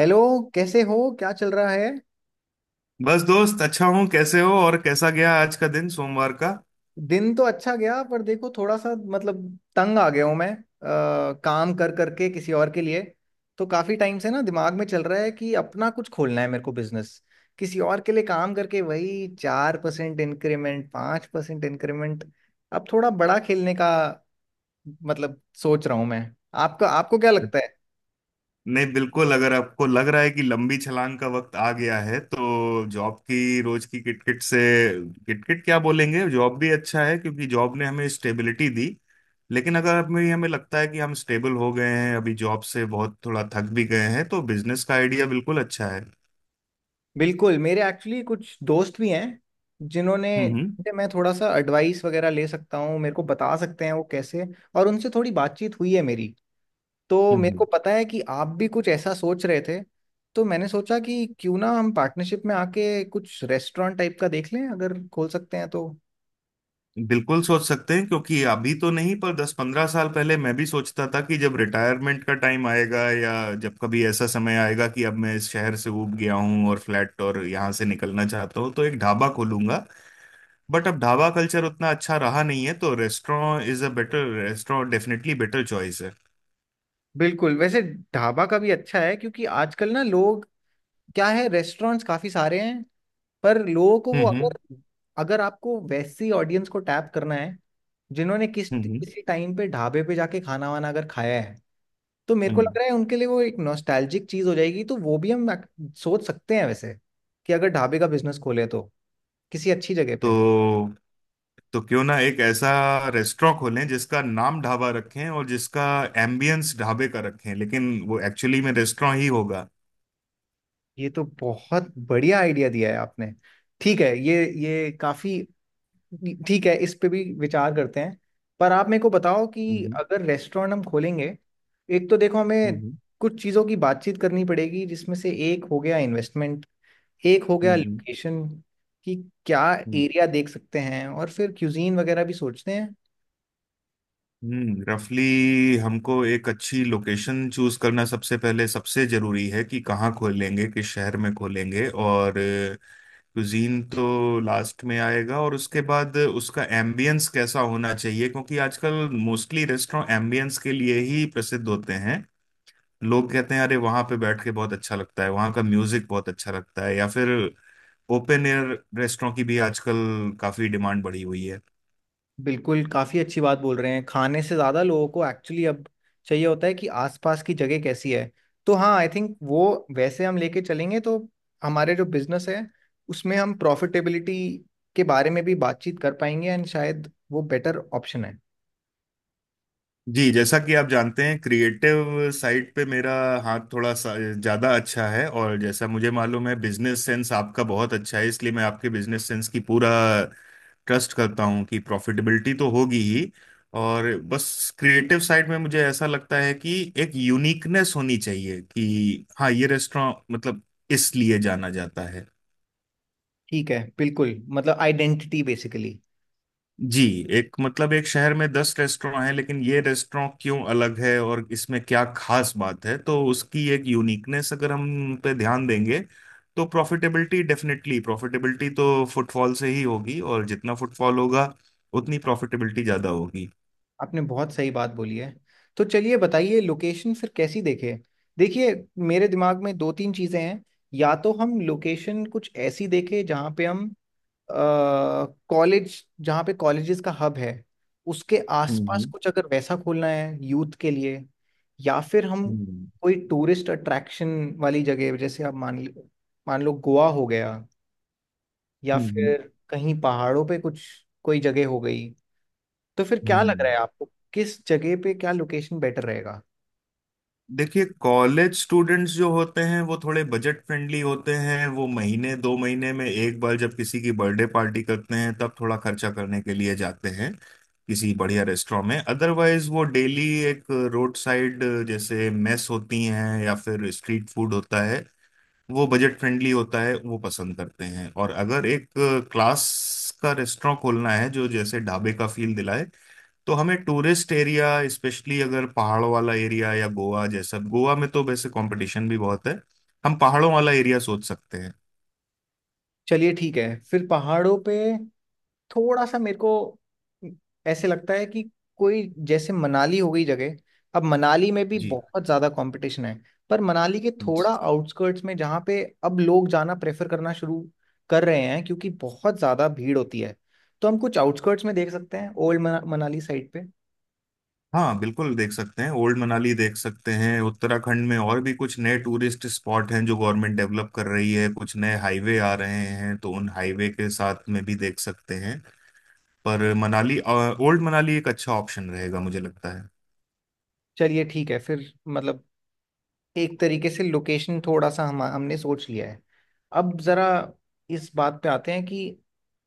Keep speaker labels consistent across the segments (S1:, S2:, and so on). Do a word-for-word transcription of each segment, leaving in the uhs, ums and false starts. S1: Hello. कैसे हो, क्या चल रहा है?
S2: बस दोस्त अच्छा हूँ। कैसे हो और कैसा गया आज का दिन, सोमवार का?
S1: दिन तो अच्छा गया, पर देखो, थोड़ा सा, मतलब, तंग आ गया हूँ मैं, अ, काम कर करके किसी और के लिए। तो काफी टाइम से ना दिमाग में चल रहा है कि अपना कुछ खोलना है मेरे को, बिजनेस। किसी और के लिए काम करके वही चार परसेंट इंक्रीमेंट, पाँच परसेंट इंक्रीमेंट। अब थोड़ा बड़ा खेलने का मतलब सोच रहा हूँ मैं। आपका आपको क्या लगता है?
S2: नहीं, बिल्कुल। अगर आपको लग रहा है कि लंबी छलांग का वक्त आ गया है तो जॉब की रोज की किटकिट से, किटकिट क्या बोलेंगे, जॉब भी अच्छा है क्योंकि जॉब ने हमें स्टेबिलिटी दी। लेकिन अगर हमें हमें लगता है कि हम स्टेबल हो गए हैं अभी, जॉब से बहुत थोड़ा थक भी गए हैं, तो बिजनेस का आइडिया बिल्कुल अच्छा है।
S1: बिल्कुल। मेरे एक्चुअली कुछ दोस्त भी हैं जिन्होंने
S2: हम्म, हम्म,
S1: जिनसे मैं थोड़ा सा एडवाइस वगैरह ले सकता हूँ, मेरे को बता सकते हैं वो कैसे। और उनसे थोड़ी बातचीत हुई है मेरी। तो
S2: हम्म,
S1: मेरे को
S2: हम्म।
S1: पता है कि आप भी कुछ ऐसा सोच रहे थे। तो मैंने सोचा कि क्यों ना हम पार्टनरशिप में आके कुछ रेस्टोरेंट टाइप का देख लें, अगर खोल सकते हैं तो।
S2: बिल्कुल सोच सकते हैं क्योंकि अभी तो नहीं, पर दस पंद्रह साल पहले मैं भी सोचता था कि जब रिटायरमेंट का टाइम आएगा या जब कभी ऐसा समय आएगा कि अब मैं इस शहर से ऊब गया हूँ और फ्लैट और यहाँ से निकलना चाहता हूँ तो एक ढाबा खोलूंगा। बट अब ढाबा कल्चर उतना अच्छा रहा नहीं है तो restaurant is a better, restaurant definitely better choice है।
S1: बिल्कुल। वैसे ढाबा का भी अच्छा है, क्योंकि आजकल ना लोग, क्या है, रेस्टोरेंट्स काफ़ी सारे हैं। पर लोगों को
S2: हम्म,
S1: वो,
S2: हम्म,
S1: अगर अगर आपको वैसी ऑडियंस को टैप करना है जिन्होंने किस
S2: हम्म, हम्म,
S1: किसी टाइम पे ढाबे पे जाके खाना वाना अगर खाया है, तो मेरे को
S2: हम्म।
S1: लग रहा है उनके लिए वो एक नॉस्टैल्जिक चीज हो जाएगी। तो वो भी हम ac- सोच सकते हैं, वैसे, कि अगर ढाबे का बिजनेस खोले तो किसी अच्छी जगह
S2: तो
S1: पे।
S2: तो क्यों ना एक ऐसा रेस्टोरेंट खोलें जिसका नाम ढाबा रखें और जिसका एम्बियंस ढाबे का रखें, लेकिन वो एक्चुअली में रेस्टोरेंट ही होगा।
S1: ये तो बहुत बढ़िया आइडिया दिया है आपने। ठीक है, ये ये काफी, ठीक है, इस पे भी विचार करते हैं। पर आप मेरे को बताओ कि
S2: हम्म,
S1: अगर रेस्टोरेंट हम खोलेंगे, एक तो देखो हमें कुछ चीज़ों की बातचीत करनी पड़ेगी, जिसमें से एक हो गया इन्वेस्टमेंट, एक हो गया
S2: हम्म।
S1: लोकेशन कि क्या एरिया देख सकते हैं, और फिर क्यूजीन वगैरह भी सोचते हैं।
S2: हम्म, रफली हमको एक अच्छी लोकेशन चूज करना सबसे पहले सबसे जरूरी है कि कहाँ खोलेंगे, किस शहर में खोलेंगे, और कुजीन तो लास्ट में आएगा। और उसके बाद उसका एम्बियंस कैसा होना चाहिए, क्योंकि आजकल मोस्टली रेस्टोरेंट एम्बियंस के लिए ही प्रसिद्ध होते हैं। लोग कहते हैं, अरे वहां पे बैठ के बहुत अच्छा लगता है, वहां का म्यूजिक बहुत अच्छा लगता है, या फिर ओपन एयर रेस्टोरेंट की भी आजकल काफी डिमांड बढ़ी हुई है।
S1: बिल्कुल, काफ़ी अच्छी बात बोल रहे हैं। खाने से ज़्यादा लोगों को एक्चुअली अब चाहिए होता है कि आसपास की जगह कैसी है। तो हाँ, आई थिंक वो वैसे हम लेके चलेंगे तो हमारे जो बिजनेस है उसमें हम प्रॉफिटेबिलिटी के बारे में भी बातचीत कर पाएंगे, एंड शायद वो बेटर ऑप्शन है।
S2: जी, जैसा कि आप जानते हैं क्रिएटिव साइड पे मेरा हाथ थोड़ा सा ज़्यादा अच्छा है, और जैसा मुझे मालूम है बिजनेस सेंस आपका बहुत अच्छा है, इसलिए मैं आपके बिजनेस सेंस की पूरा ट्रस्ट करता हूँ कि प्रॉफिटेबिलिटी तो होगी ही। और बस क्रिएटिव साइड में मुझे ऐसा लगता है कि एक यूनिकनेस होनी चाहिए कि हाँ, ये रेस्टोरेंट मतलब इसलिए जाना जाता है।
S1: ठीक है, बिल्कुल, मतलब आइडेंटिटी बेसिकली।
S2: जी। एक मतलब एक शहर में दस रेस्टोरेंट हैं, लेकिन ये रेस्टोरेंट क्यों अलग है और इसमें क्या खास बात है, तो उसकी एक यूनिकनेस अगर हम पे ध्यान देंगे तो प्रॉफिटेबिलिटी डेफिनेटली, प्रॉफिटेबिलिटी तो फुटफॉल से ही होगी, और जितना फुटफॉल होगा उतनी प्रॉफिटेबिलिटी ज्यादा होगी।
S1: आपने बहुत सही बात बोली है। तो चलिए बताइए, लोकेशन फिर कैसी देखे। देखिए, मेरे दिमाग में दो तीन चीज़ें हैं। या तो हम लोकेशन कुछ ऐसी देखें जहाँ पे हम कॉलेज जहाँ पे कॉलेजेस का हब है उसके
S2: हम्म,
S1: आसपास
S2: हम्म,
S1: कुछ, अगर वैसा खोलना है यूथ के लिए। या फिर हम
S2: हम्म,
S1: कोई टूरिस्ट अट्रैक्शन वाली जगह, जैसे आप मान लो मान लो गोवा हो गया, या
S2: हम्म,
S1: फिर कहीं पहाड़ों पे कुछ कोई जगह हो गई। तो फिर क्या लग रहा
S2: हम्म।
S1: है आपको, किस जगह पे क्या लोकेशन बेटर रहेगा?
S2: देखिए, कॉलेज स्टूडेंट्स जो होते हैं वो थोड़े बजट फ्रेंडली होते हैं। वो महीने दो महीने में एक बार जब किसी की बर्थडे पार्टी करते हैं तब थोड़ा खर्चा करने के लिए जाते हैं किसी बढ़िया रेस्टोरेंट में। अदरवाइज वो डेली एक रोड साइड, जैसे मेस होती हैं या फिर स्ट्रीट फूड होता है, वो बजट फ्रेंडली होता है, वो पसंद करते हैं। और अगर एक क्लास का रेस्टोरेंट खोलना है जो जैसे ढाबे का फील दिलाए, तो हमें टूरिस्ट एरिया, स्पेशली अगर पहाड़ों वाला एरिया या गोवा जैसा, गोवा में तो वैसे कंपटीशन भी बहुत है, हम पहाड़ों वाला एरिया सोच सकते हैं।
S1: चलिए ठीक है, फिर पहाड़ों पे थोड़ा सा मेरे को ऐसे लगता है कि कोई, जैसे मनाली हो गई जगह। अब मनाली में भी
S2: जी।
S1: बहुत ज्यादा कंपटीशन है। पर मनाली के थोड़ा आउटस्कर्ट्स में जहाँ पे अब लोग जाना प्रेफर करना शुरू कर रहे हैं, क्योंकि बहुत ज्यादा भीड़ होती है। तो हम कुछ आउटस्कर्ट्स में देख सकते हैं, ओल्ड मना, मनाली साइड पे।
S2: हाँ, बिल्कुल देख सकते हैं। ओल्ड मनाली देख सकते हैं। उत्तराखंड में और भी कुछ नए टूरिस्ट स्पॉट हैं जो गवर्नमेंट डेवलप कर रही है, कुछ नए हाईवे आ रहे हैं, तो उन हाईवे के साथ में भी देख सकते हैं। पर मनाली, ओल्ड मनाली एक अच्छा ऑप्शन रहेगा मुझे लगता है।
S1: चलिए ठीक है, फिर मतलब एक तरीके से लोकेशन थोड़ा सा हम हमने सोच लिया है। अब जरा इस बात पे आते हैं कि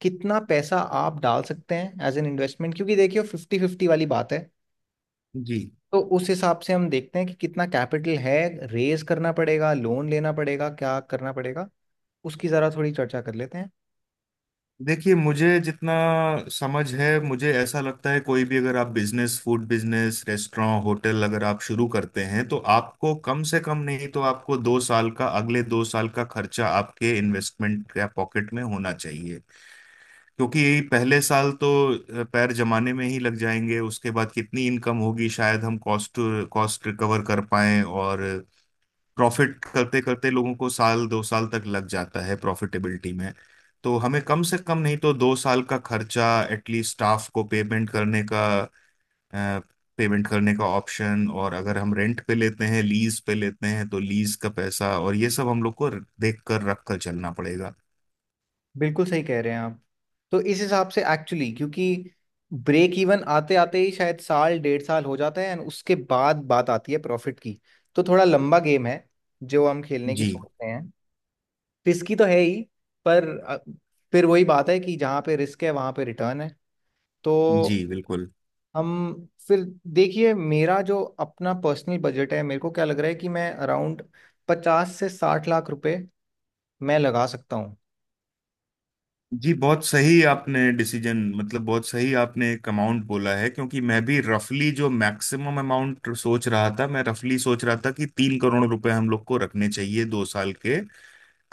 S1: कितना पैसा आप डाल सकते हैं एज एन इन्वेस्टमेंट, क्योंकि देखिए फिफ्टी फिफ्टी वाली बात है।
S2: जी।
S1: तो उस हिसाब से हम देखते हैं कि कितना कैपिटल है, रेज करना पड़ेगा, लोन लेना पड़ेगा, क्या करना पड़ेगा, उसकी ज़रा थोड़ी चर्चा कर लेते हैं।
S2: देखिए, मुझे जितना समझ है मुझे ऐसा लगता है कोई भी अगर आप business, food business, restaurant, hotel अगर आप शुरू करते हैं तो आपको कम से कम नहीं तो आपको दो साल का, अगले दो साल का खर्चा आपके इन्वेस्टमेंट या पॉकेट में होना चाहिए। क्योंकि पहले साल तो अ, पैर जमाने में ही लग जाएंगे। उसके बाद कितनी इनकम होगी, शायद हम कॉस्ट कॉस्ट रिकवर कर पाएं, और प्रॉफिट करते करते लोगों को साल दो साल तक लग जाता है प्रॉफिटेबिलिटी में। तो हमें कम से कम नहीं तो दो साल का खर्चा, एटलीस्ट स्टाफ को पेमेंट करने का पेमेंट करने का ऑप्शन, और अगर हम रेंट पे लेते हैं लीज पे लेते हैं तो लीज का पैसा, और ये सब हम लोग को देख कर रख कर चलना पड़ेगा।
S1: बिल्कुल सही कह रहे हैं आप। तो इस हिसाब से एक्चुअली, क्योंकि ब्रेक इवन आते आते ही शायद साल डेढ़ साल हो जाता है, एंड उसके बाद बात आती है प्रॉफिट की। तो थोड़ा लंबा गेम है जो हम खेलने की
S2: जी।
S1: सोच रहे हैं। रिस्की तो है ही, पर अ, फिर वही बात है कि जहाँ पे रिस्क है वहाँ पे रिटर्न है। तो
S2: जी, बिल्कुल।
S1: हम फिर, देखिए मेरा जो अपना पर्सनल बजट है, मेरे को क्या लग रहा है कि मैं अराउंड पचास से साठ लाख रुपए मैं लगा सकता हूँ।
S2: जी, बहुत सही आपने डिसीजन, मतलब बहुत सही आपने एक अमाउंट बोला है, क्योंकि मैं भी रफली जो मैक्सिमम अमाउंट सोच रहा था, मैं रफली सोच रहा था कि तीन करोड़ रुपए हम लोग को रखने चाहिए दो साल के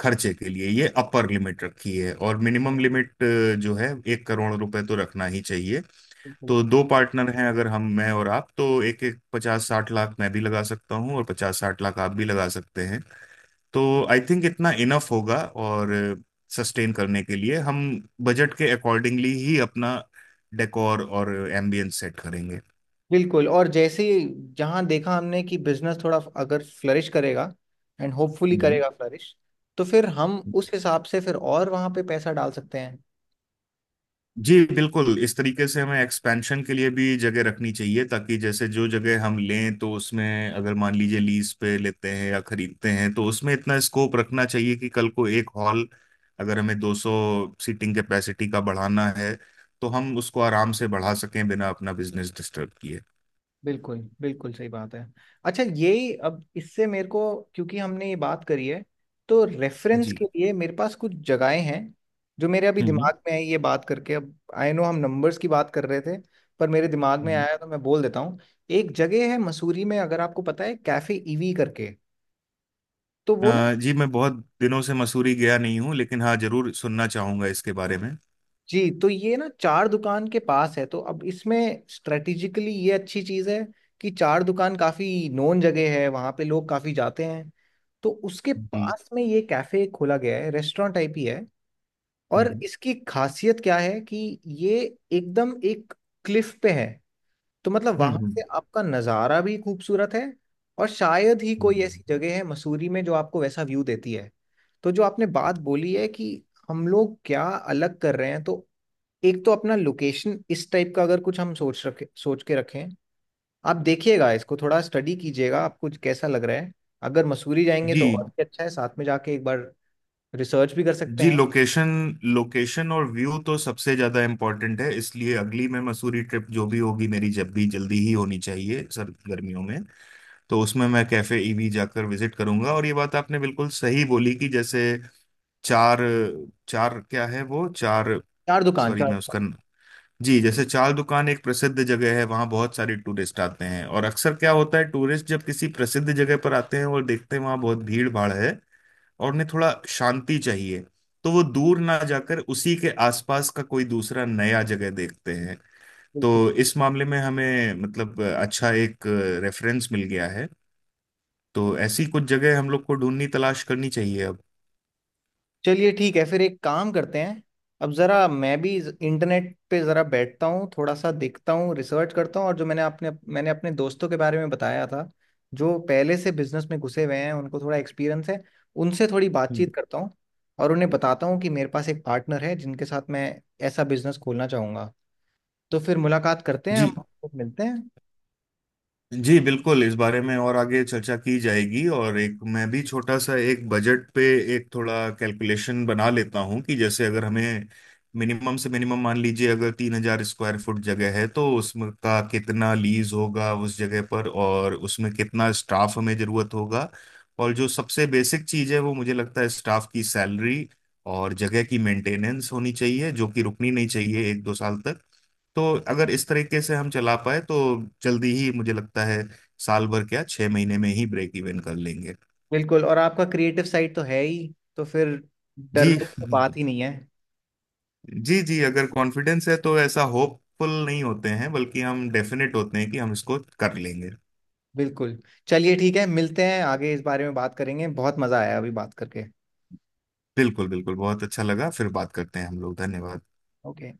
S2: खर्चे के लिए, ये अपर लिमिट रखी है। और मिनिमम लिमिट जो है, एक करोड़ रुपए तो रखना ही चाहिए।
S1: बिल्कुल,
S2: तो दो पार्टनर हैं अगर हम, मैं और आप, तो एक एक पचास साठ लाख मैं भी लगा सकता हूँ और पचास साठ लाख आप भी लगा सकते हैं, तो आई थिंक इतना इनफ होगा। और सस्टेन करने के लिए हम बजट के अकॉर्डिंगली ही अपना डेकोर और एम्बियंस सेट करेंगे।
S1: बिल्कुल। और जैसे ही जहाँ देखा हमने कि बिजनेस थोड़ा अगर फ्लरिश करेगा, एंड होपफुली
S2: हम्म।
S1: करेगा फ्लरिश, तो फिर हम उस हिसाब से फिर और वहाँ पे पैसा डाल सकते हैं।
S2: जी, बिल्कुल। इस तरीके से हमें एक्सपेंशन के लिए भी जगह रखनी चाहिए, ताकि जैसे जो जगह हम लें तो उसमें अगर मान लीजिए लीज पे लेते हैं या खरीदते हैं, तो उसमें इतना स्कोप रखना चाहिए कि कल को एक हॉल अगर हमें दो सौ सीटिंग कैपेसिटी का बढ़ाना है तो हम उसको आराम से बढ़ा सकें बिना अपना बिजनेस डिस्टर्ब किए।
S1: बिल्कुल, बिल्कुल सही बात है। अच्छा, यही अब इससे मेरे को, क्योंकि हमने ये बात करी है, तो रेफरेंस
S2: जी।
S1: के लिए मेरे पास कुछ जगहें हैं जो मेरे अभी दिमाग में है। ये बात करके, अब आई नो हम नंबर्स की बात कर रहे थे, पर मेरे दिमाग में
S2: हम्म।
S1: आया तो मैं बोल देता हूँ। एक जगह है मसूरी में, अगर आपको पता है, कैफे ईवी करके। तो वो ना,
S2: अ, जी, मैं बहुत दिनों से मसूरी गया नहीं हूँ, लेकिन हाँ जरूर सुनना चाहूंगा इसके बारे में।
S1: जी, तो ये ना चार दुकान के पास है। तो अब इसमें स्ट्रेटेजिकली ये अच्छी चीज़ है कि चार दुकान काफ़ी नोन जगह है, वहाँ पे लोग काफ़ी जाते हैं। तो उसके
S2: जी।
S1: पास में ये कैफ़े खोला गया है, रेस्टोरेंट टाइप ही है। और
S2: हम्म,
S1: इसकी खासियत क्या है कि ये एकदम एक क्लिफ पे है। तो मतलब
S2: हम्म,
S1: वहाँ
S2: हम्म,
S1: से आपका नज़ारा भी खूबसूरत है। और शायद ही कोई ऐसी
S2: हम्म।
S1: जगह है मसूरी में जो आपको वैसा व्यू देती है। तो जो आपने बात बोली है कि हम लोग क्या अलग कर रहे हैं, तो एक तो अपना लोकेशन इस टाइप का अगर कुछ हम सोच रखे सोच के रखें। आप देखिएगा इसको, थोड़ा स्टडी कीजिएगा आपको कैसा लग रहा है। अगर मसूरी जाएंगे
S2: जी।
S1: तो और भी अच्छा है, साथ में जाके एक बार रिसर्च भी कर सकते
S2: जी,
S1: हैं।
S2: लोकेशन, लोकेशन और व्यू तो सबसे ज्यादा इम्पोर्टेंट है, इसलिए अगली मैं मसूरी ट्रिप जो भी होगी मेरी, जब भी, जल्दी ही होनी चाहिए सर गर्मियों में, तो उसमें मैं कैफे ईवी जाकर विजिट करूंगा। और ये बात आपने बिल्कुल सही बोली कि जैसे चार, चार क्या है वो, चार,
S1: चार दुकान,
S2: सॉरी
S1: चार
S2: मैं
S1: दुकान।
S2: उसका, जी, जैसे चाल दुकान एक प्रसिद्ध जगह है, वहाँ बहुत सारे टूरिस्ट आते हैं। और अक्सर क्या होता है, टूरिस्ट जब किसी प्रसिद्ध जगह पर आते हैं और देखते हैं वहाँ बहुत भीड़ भाड़ है और उन्हें थोड़ा शांति चाहिए, तो वो दूर ना जाकर उसी के आसपास का कोई दूसरा नया जगह देखते हैं।
S1: बिल्कुल।
S2: तो इस मामले में हमें, मतलब अच्छा एक रेफरेंस मिल गया है, तो ऐसी कुछ जगह हम लोग को ढूंढनी, तलाश करनी चाहिए अब।
S1: चलिए ठीक है फिर, एक काम करते हैं। अब ज़रा मैं भी ज- इंटरनेट पे ज़रा बैठता हूँ, थोड़ा सा देखता हूँ, रिसर्च करता हूँ। और जो मैंने अपने मैंने अपने दोस्तों के बारे में बताया था जो पहले से बिजनेस में घुसे हुए हैं, उनको थोड़ा एक्सपीरियंस है, उनसे थोड़ी
S2: हम्म।
S1: बातचीत करता हूँ। और उन्हें बताता हूँ कि मेरे पास एक पार्टनर है जिनके साथ मैं ऐसा बिजनेस खोलना चाहूँगा। तो फिर मुलाकात करते हैं, हम
S2: जी।
S1: आपको मिलते हैं।
S2: जी, बिल्कुल। इस बारे में और आगे चर्चा की जाएगी। और एक मैं भी छोटा सा एक बजट पे, एक थोड़ा कैलकुलेशन बना लेता हूँ, कि जैसे अगर हमें मिनिमम से मिनिमम, मान लीजिए अगर तीन हजार स्क्वायर फुट जगह है, तो उसमें का कितना लीज होगा उस जगह पर, और उसमें कितना स्टाफ हमें जरूरत होगा। और जो सबसे बेसिक चीज़ है वो मुझे लगता है स्टाफ की सैलरी और जगह की मेंटेनेंस होनी चाहिए, जो कि रुकनी नहीं चाहिए एक दो साल तक। तो अगर इस तरीके से हम चला पाए तो जल्दी ही मुझे लगता है साल भर क्या, छह महीने में ही ब्रेक इवन कर लेंगे।
S1: बिल्कुल, और आपका क्रिएटिव साइड तो है ही, तो फिर
S2: जी।
S1: डरने की तो बात ही नहीं है।
S2: जी, जी। अगर कॉन्फिडेंस है तो ऐसा होपफुल नहीं होते हैं, बल्कि हम डेफिनेट होते हैं कि हम इसको कर लेंगे।
S1: बिल्कुल। चलिए ठीक है, मिलते हैं आगे इस बारे में बात करेंगे। बहुत मजा आया अभी बात करके।
S2: बिल्कुल, बिल्कुल, बहुत अच्छा लगा। फिर बात करते हैं हम लोग। धन्यवाद।
S1: ओके।